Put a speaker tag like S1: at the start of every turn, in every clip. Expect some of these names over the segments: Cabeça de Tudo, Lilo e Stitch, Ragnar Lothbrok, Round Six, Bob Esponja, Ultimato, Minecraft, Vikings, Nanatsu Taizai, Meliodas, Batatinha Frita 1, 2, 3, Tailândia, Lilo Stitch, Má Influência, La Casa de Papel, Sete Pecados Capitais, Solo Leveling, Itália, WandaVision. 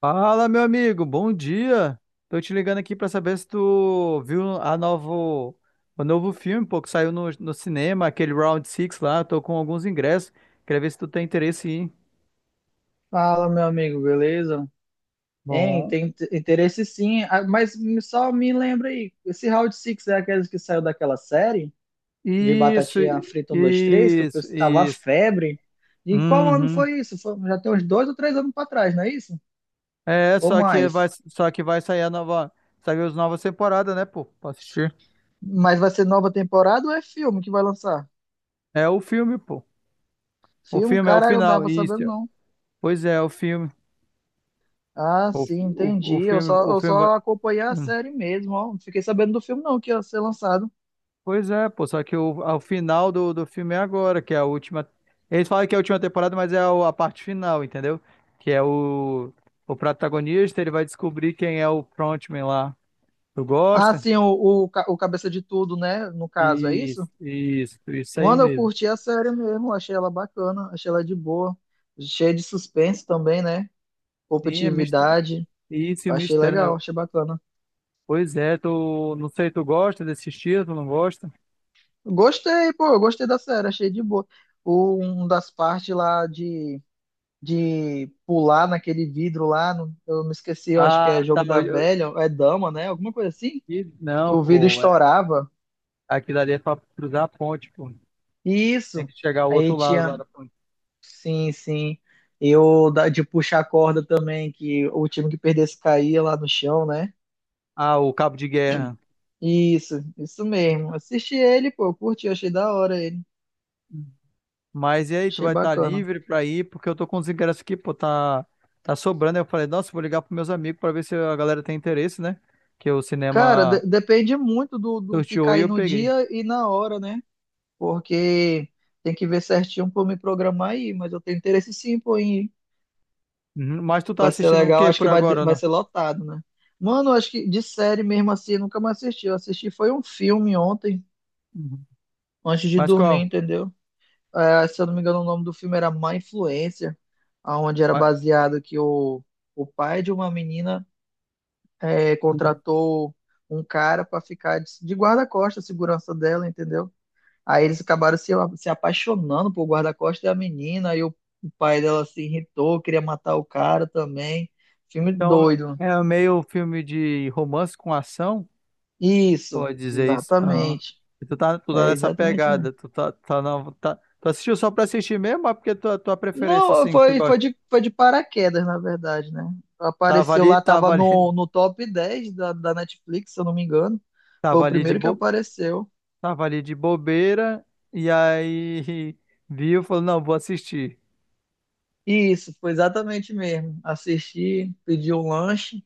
S1: Fala, meu amigo, bom dia. Tô te ligando aqui pra saber se tu viu o novo filme, pô, que saiu no cinema, aquele Round Six lá. Tô com alguns ingressos. Queria ver se tu tem interesse em. Ir.
S2: Fala, meu amigo, beleza? Hein,
S1: Bom.
S2: tem interesse sim. Ah, mas só me lembra aí, esse Round Six é aquele que saiu daquela série de
S1: Isso,
S2: batatinha frita 1, 2, 3, que o
S1: isso,
S2: pessoal tava à
S1: isso.
S2: febre. E qual ano
S1: Uhum.
S2: foi isso? Já tem uns 2 ou 3 anos pra trás, não é isso?
S1: É,
S2: Ou mais?
S1: só que vai sair a nova, saiu as novas temporadas, né, pô, pra assistir.
S2: Mas vai ser nova temporada ou é filme que vai lançar?
S1: É o filme, pô. O
S2: Filme?
S1: filme é o
S2: Caralho, eu não
S1: final,
S2: tava sabendo
S1: isso.
S2: não.
S1: Pois é, o filme.
S2: Ah,
S1: O,
S2: sim, entendi.
S1: o
S2: Eu
S1: filme vai.
S2: só acompanhei a
S1: hum.
S2: série mesmo, ó. Não fiquei sabendo do filme não, que ia ser lançado.
S1: Pois é, pô, só que o, ao final do filme é agora, que é a última. Eles falam que é a última temporada, mas é a parte final, entendeu? Que é o protagonista, ele vai descobrir quem é o frontman lá. Tu
S2: Ah,
S1: gosta?
S2: sim, o Cabeça de Tudo, né? No caso, é isso?
S1: Isso aí
S2: Mano, eu
S1: mesmo.
S2: curti a série mesmo, achei ela bacana, achei ela de boa, cheia de suspense também, né?
S1: Sim, é mistério.
S2: Competitividade,
S1: Isso e o
S2: achei
S1: mistério,
S2: legal,
S1: né?
S2: achei bacana.
S1: Pois é, tu, não sei, tu gosta desse estilo, tu não gosta?
S2: Gostei, pô, eu gostei da série, achei de boa. Um das partes lá de pular naquele vidro lá, eu me esqueci, eu acho que é
S1: Ah, tá.
S2: jogo da velha, é dama, né? Alguma coisa assim,
S1: E
S2: que
S1: não,
S2: o vidro
S1: pô, é,
S2: estourava.
S1: aquilo ali é pra cruzar a ponte, pô. Tem
S2: Isso.
S1: que chegar ao outro
S2: Aí
S1: lado lá
S2: tinha.
S1: da ponte.
S2: Sim, sim. Eu de puxar a corda também, que o time que perdesse caía lá no chão, né?
S1: Ah, o cabo de guerra.
S2: Isso mesmo. Assisti ele, pô, eu curti, achei da hora ele.
S1: Mas e aí, tu
S2: Achei
S1: vai estar
S2: bacana.
S1: livre pra ir? Porque eu tô com os ingressos aqui, pô, tá sobrando. Aí eu falei, nossa, vou ligar pros meus amigos pra ver se a galera tem interesse, né? Que o
S2: Cara,
S1: cinema
S2: depende muito do que
S1: sorteou e
S2: cair
S1: eu
S2: no
S1: peguei.
S2: dia e na hora, né? Porque tem que ver certinho pra eu me programar aí, mas eu tenho interesse sim, pô, em ir.
S1: Uhum. Mas tu tá
S2: Vai ser
S1: assistindo o
S2: legal,
S1: que
S2: acho
S1: por
S2: que vai,
S1: agora,
S2: vai
S1: não?
S2: ser lotado, né? Mano, acho que de série mesmo assim, eu nunca mais assisti. Eu assisti foi um filme ontem,
S1: Uhum.
S2: antes de
S1: Mas
S2: dormir,
S1: qual?
S2: entendeu? É, se eu não me engano, o nome do filme era Má Influência, aonde era
S1: Ma-
S2: baseado que o pai de uma menina
S1: Uhum.
S2: contratou um cara para ficar de guarda-costas, segurança dela, entendeu? Aí eles acabaram se apaixonando por guarda-costas da menina, aí o pai dela se irritou, queria matar o cara também. Filme
S1: Então,
S2: doido.
S1: é meio filme de romance com ação,
S2: Isso,
S1: pode dizer isso. Ah,
S2: exatamente.
S1: e tu tá
S2: É
S1: nessa
S2: exatamente
S1: pegada,
S2: mesmo.
S1: tu tá, tá, na- tá, tu assistiu só pra assistir mesmo, ou é porque é tua preferência,
S2: Não,
S1: assim, que tu gosta?
S2: foi de paraquedas, na verdade, né? Apareceu lá, tava
S1: Tava ali,
S2: no top 10 da Netflix, se eu não me engano. Foi
S1: tava
S2: o
S1: ali de
S2: primeiro que
S1: boa.
S2: apareceu.
S1: Tava ali de bobeira e aí viu, falou, não, vou assistir.
S2: E isso, foi exatamente mesmo. Assisti, pedi um lanche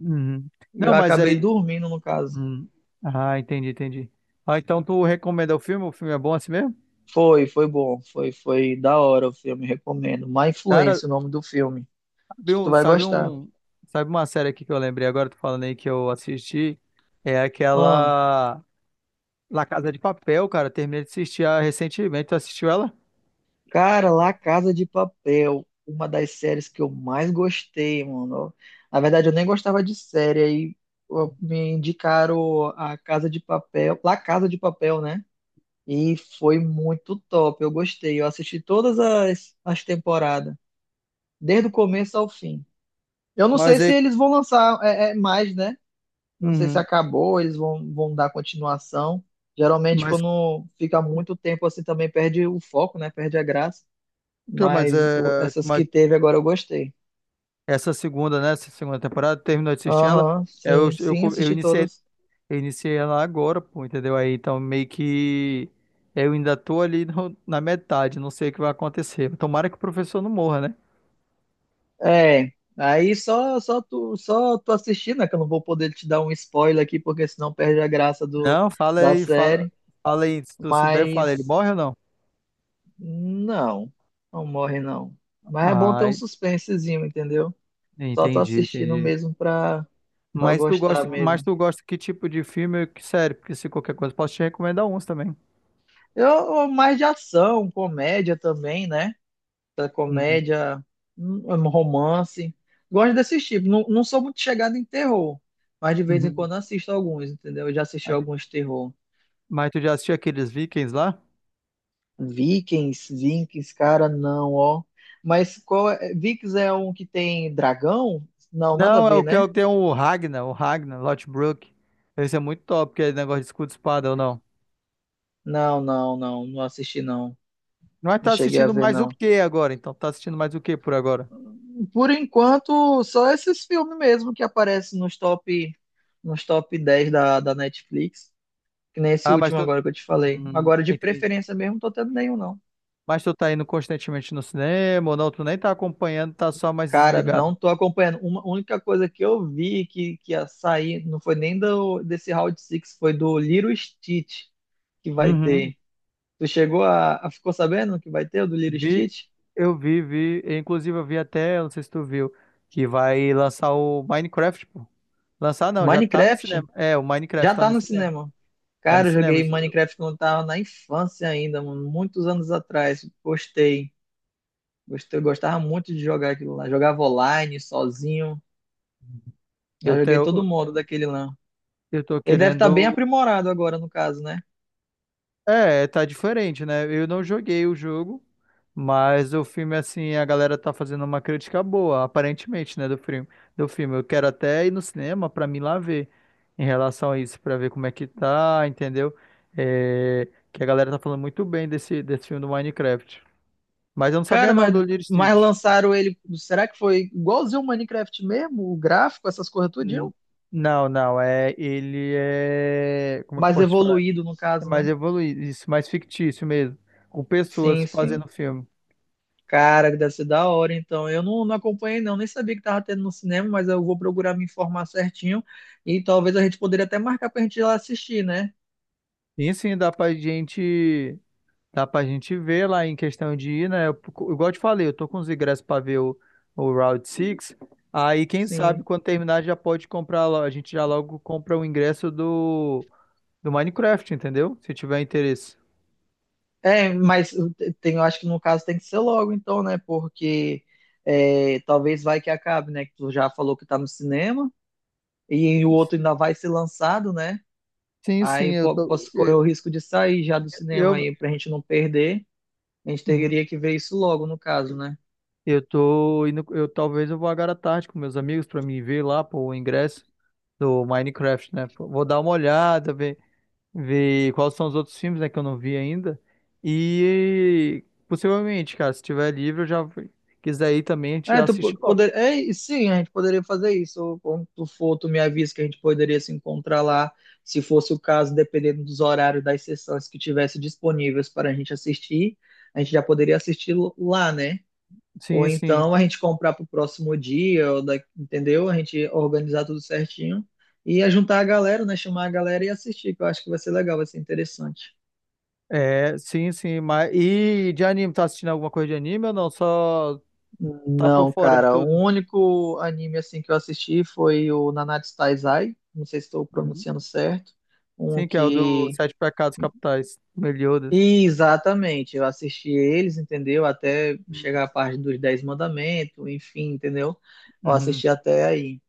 S1: Uhum.
S2: e
S1: Não,
S2: eu
S1: mas
S2: acabei
S1: aí.
S2: dormindo, no caso.
S1: Hum. Ah, entendi, entendi. Ah, então tu recomenda o filme? O filme é bom assim mesmo?
S2: Foi, foi bom. Foi, foi da hora o filme, recomendo. Má
S1: Cara,
S2: Influência, o nome do filme.
S1: sabe,
S2: Acho que tu
S1: um,
S2: vai
S1: sabe
S2: gostar.
S1: um- sabe uma série aqui que eu lembrei agora, tu falando aí que eu assisti? É
S2: Ah,
S1: aquela La Casa de Papel, cara. Terminei de assistir recentemente. Tu assistiu ela?
S2: cara, La Casa de Papel, uma das séries que eu mais gostei, mano. Na verdade, eu nem gostava de série, aí ó, me indicaram a Casa de Papel, La Casa de Papel, né? E foi muito top, eu gostei. Eu assisti todas as temporadas, desde o começo ao fim. Eu não
S1: Mas
S2: sei se
S1: é.
S2: eles vão lançar mais, né? Não sei se
S1: Uhum.
S2: acabou, eles vão dar continuação. Geralmente,
S1: Mas,
S2: quando fica muito tempo assim, também perde o foco, né? Perde a graça,
S1: então, mas,
S2: mas
S1: é,
S2: essas
S1: mas,
S2: que teve agora eu gostei.
S1: essa segunda, né? Essa segunda temporada, terminou de assistir ela.
S2: Aham,
S1: Eu,
S2: sim,
S1: eu,
S2: sim,
S1: co- eu
S2: assisti
S1: iniciei,
S2: todas.
S1: eu iniciei ela agora, pô, entendeu? Aí então meio que eu ainda tô ali na metade, não sei o que vai acontecer. Tomara que o professor não morra, né?
S2: É, aí só, só tu assistir, né? Que eu não vou poder te dar um spoiler aqui, porque senão perde a graça
S1: Não,
S2: da série.
S1: fala aí, se tu souber, fala, ele
S2: Mas
S1: morre ou não?
S2: não, não morre não. Mas é bom ter um
S1: Ai,
S2: suspensezinho, entendeu? Só tô
S1: entendi,
S2: assistindo
S1: entendi.
S2: mesmo pra gostar
S1: Mas
S2: mesmo.
S1: tu gosta que tipo de filme ou que série? Porque se qualquer coisa, posso te recomendar uns também.
S2: Eu mais de ação, comédia também, né?
S1: Uhum,
S2: Comédia, um romance. Gosto desses tipos. Não, não sou muito chegado em terror, mas de vez em
S1: uhum.
S2: quando assisto alguns, entendeu? Eu já assisti
S1: Mas
S2: alguns terror.
S1: mas tu já assistiu aqueles Vikings lá?
S2: Vikings, Vikings, cara, não, ó. Mas qual é? Vikings é um que tem dragão? Não, nada a
S1: Não, é
S2: ver,
S1: o
S2: né?
S1: que tem o Ragnar, Lothbrok. Esse é muito top, que é negócio de escudo e espada ou não.
S2: Não, não, não, não assisti não.
S1: Mas
S2: Não
S1: tá
S2: cheguei a
S1: assistindo
S2: ver
S1: mais o
S2: não.
S1: que agora? Então, tá assistindo mais o que por agora?
S2: Por enquanto, só esses filmes mesmo que aparecem nos top 10 da Netflix. Que nem esse
S1: Ah, mas
S2: último
S1: tu.
S2: agora que eu te falei. Agora, de
S1: Entendi.
S2: preferência mesmo, não tô tendo nenhum, não.
S1: Mas tu tá indo constantemente no cinema ou não? Tu nem tá acompanhando, tá só mais
S2: Cara,
S1: desligado.
S2: não tô acompanhando. Uma única coisa que eu vi que ia sair, não foi nem desse Round Six, foi do Lilo Stitch que vai
S1: Uhum.
S2: ter. Tu ficou sabendo que vai ter o do Lilo
S1: Vi,
S2: Stitch?
S1: vi. Inclusive, eu vi até, eu não sei se tu viu, que vai lançar o Minecraft, pô. Lançar não, já tá no
S2: Minecraft
S1: cinema. É, o Minecraft
S2: já
S1: tá
S2: tá
S1: no
S2: no
S1: cinema.
S2: cinema.
S1: Tá no
S2: Cara, eu
S1: cinema.
S2: joguei Minecraft quando eu tava na infância ainda, mano, muitos anos atrás. Gostei. Gostei, eu gostava muito de jogar aquilo lá. Jogava online, sozinho.
S1: Eu
S2: Já joguei todo
S1: tenho.
S2: o modo daquele lá.
S1: Eu tô
S2: Ele deve estar bem
S1: querendo.
S2: aprimorado agora, no caso, né?
S1: É, tá diferente, né? Eu não joguei o jogo, mas o filme, assim, a galera tá fazendo uma crítica boa, aparentemente, né, do filme. Do filme. Eu quero até ir no cinema pra mim lá ver em relação a isso, pra ver como é que tá, entendeu? É, que a galera tá falando muito bem desse filme do Minecraft. Mas eu não
S2: Cara,
S1: sabia, não, do Lilo e
S2: mas
S1: Stitch.
S2: lançaram ele. Será que foi igualzinho o Minecraft mesmo? O gráfico, essas coisas tudinho?
S1: N- Não, não, é. Ele é. Como é que eu
S2: Mais
S1: posso te falar?
S2: evoluído, no
S1: É
S2: caso,
S1: mais
S2: né?
S1: evoluído, isso, mais fictício mesmo. Com pessoas
S2: Sim, sim.
S1: fazendo filme.
S2: Cara, que deve ser da hora, então. Eu não, não acompanhei, não. Nem sabia que tava tendo no cinema, mas eu vou procurar me informar certinho. E talvez a gente poderia até marcar pra gente ir lá assistir, né?
S1: Sim, sim, dá pra gente ver lá em questão de ir, né? Igual eu te falei, eu tô com os ingressos pra ver o Round Six. Aí, quem sabe,
S2: Sim.
S1: quando terminar, já pode comprar lá. A gente já logo compra o ingresso do Minecraft, entendeu? Se tiver interesse.
S2: É, mas tem, eu acho que no caso tem que ser logo, então, né? Porque é, talvez vai que acabe, né? Que tu já falou que tá no cinema. E o outro ainda vai ser lançado, né?
S1: Sim, sim,
S2: Aí
S1: eu tô.
S2: posso correr o risco de sair já do cinema
S1: Eu,
S2: aí pra gente não perder. A gente
S1: uhum,
S2: teria que ver isso logo, no caso, né?
S1: eu tô indo. Eu vou agora à tarde com meus amigos pra me ver lá, pô, o ingresso do Minecraft, né? Pô, vou dar uma olhada, ver. Ver quais são os outros filmes, né, que eu não vi ainda. E possivelmente, cara, se tiver livre, eu já quiser ir também, a gente
S2: É,
S1: já
S2: tu
S1: assiste logo.
S2: poder, é, e sim, a gente poderia fazer isso. Ou quando tu for, tu me avisa que a gente poderia se encontrar lá, se fosse o caso, dependendo dos horários das sessões que tivesse disponíveis para a gente assistir, a gente já poderia assistir lá, né? Ou
S1: Sim, sim.
S2: então a gente comprar para o próximo dia, ou entendeu? A gente organizar tudo certinho e ajuntar a galera, né? Chamar a galera e assistir, que eu acho que vai ser legal, vai ser interessante.
S1: É, sim, sim. Mas... E de anime, tá assistindo alguma coisa de anime ou não? Só tá por
S2: Não,
S1: fora de
S2: cara, o
S1: tudo.
S2: único anime assim que eu assisti foi o Nanatsu Taizai, não sei se estou
S1: Uhum.
S2: pronunciando certo, um
S1: Sim, que é o do
S2: que.
S1: Sete Pecados Capitais, Meliodas.
S2: Exatamente, eu assisti eles, entendeu? Até chegar a parte dos Dez Mandamentos, enfim, entendeu? Eu
S1: Uhum.
S2: assisti até aí.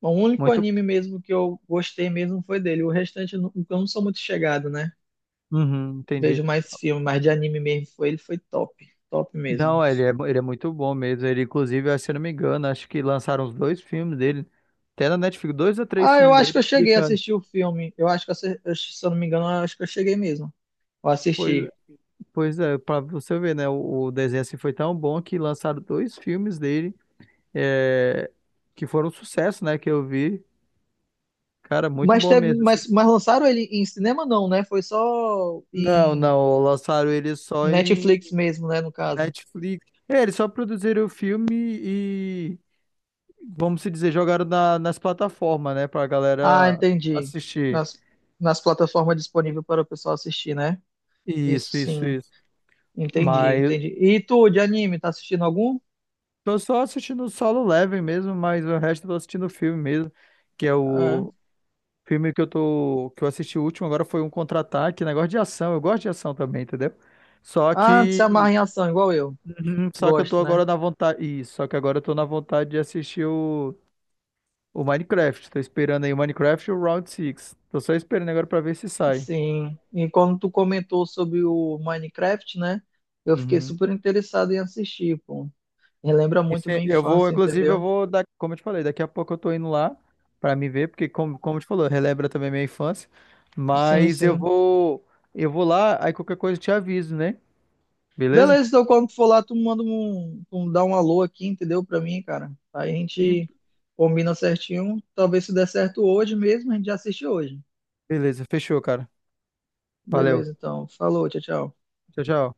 S2: Bom, o único
S1: Muito.
S2: anime mesmo que eu gostei mesmo foi dele. O restante eu não sou muito chegado, né?
S1: Uhum, entendi.
S2: Vejo mais filme, mas de anime mesmo foi ele, foi top, top mesmo.
S1: Não, ele é muito bom mesmo. Ele, inclusive, que, se eu não me engano, acho que lançaram os dois filmes dele. Até na Netflix, dois ou três
S2: Ah, eu
S1: filmes
S2: acho
S1: dele
S2: que eu cheguei a
S1: explicando.
S2: assistir o filme. Eu acho que, se eu não me engano, eu acho que eu cheguei mesmo. Eu
S1: Pois,
S2: assisti.
S1: pois é, pra você ver, né? O desenho assim foi tão bom que lançaram dois filmes dele é, que foram um sucesso, né? Que eu vi. Cara, muito
S2: Mas,
S1: bom
S2: teve,
S1: mesmo. Assim.
S2: mas lançaram ele em cinema, não, né? Foi só
S1: Não,
S2: em
S1: não, lançaram ele só em
S2: Netflix mesmo, né? No caso.
S1: Netflix. É, eles só produziram o filme e, vamos se dizer, jogaram nas plataformas, né? Pra
S2: Ah,
S1: galera
S2: entendi.
S1: assistir.
S2: Nas, nas plataformas disponíveis para o pessoal assistir, né? Isso
S1: Isso, isso,
S2: sim.
S1: isso.
S2: Entendi,
S1: Mas eu
S2: entendi. E tu, de anime, tá assistindo algum?
S1: tô só assistindo o Solo Leveling mesmo, mas o resto eu tô assistindo o filme mesmo, que é
S2: É.
S1: o filme que eu tô, que eu assisti o último agora foi um contra-ataque, negócio de ação. Eu gosto de ação também, entendeu? Só
S2: Ah, tu se
S1: que
S2: amarra em ação, igual eu.
S1: uhum. Só que eu tô
S2: Gosto, né?
S1: agora na vontade, isso, só que agora eu tô na vontade de assistir o Minecraft. Tô esperando aí o Minecraft e o Round Six. Tô só esperando agora pra ver se sai.
S2: Sim. E quando tu comentou sobre o Minecraft, né? Eu fiquei
S1: Uhum.
S2: super interessado em assistir, pô. Relembra muito
S1: É,
S2: minha
S1: eu vou,
S2: infância,
S1: inclusive, eu
S2: entendeu?
S1: vou dar, como eu te falei, daqui a pouco eu tô indo lá pra me ver, porque como, como eu te falou, relembra também minha infância.
S2: Sim,
S1: Mas eu
S2: sim.
S1: vou, eu vou lá, aí qualquer coisa eu te aviso, né? Beleza?
S2: Beleza, então quando tu for lá, tu manda um, tu dá um alô aqui, entendeu? Pra mim, cara. Aí a
S1: Sim.
S2: gente combina certinho. Talvez se der certo hoje mesmo, a gente já assiste hoje.
S1: Beleza, fechou, cara. Valeu.
S2: Beleza, então. Falou, tchau, tchau.
S1: Tchau, tchau.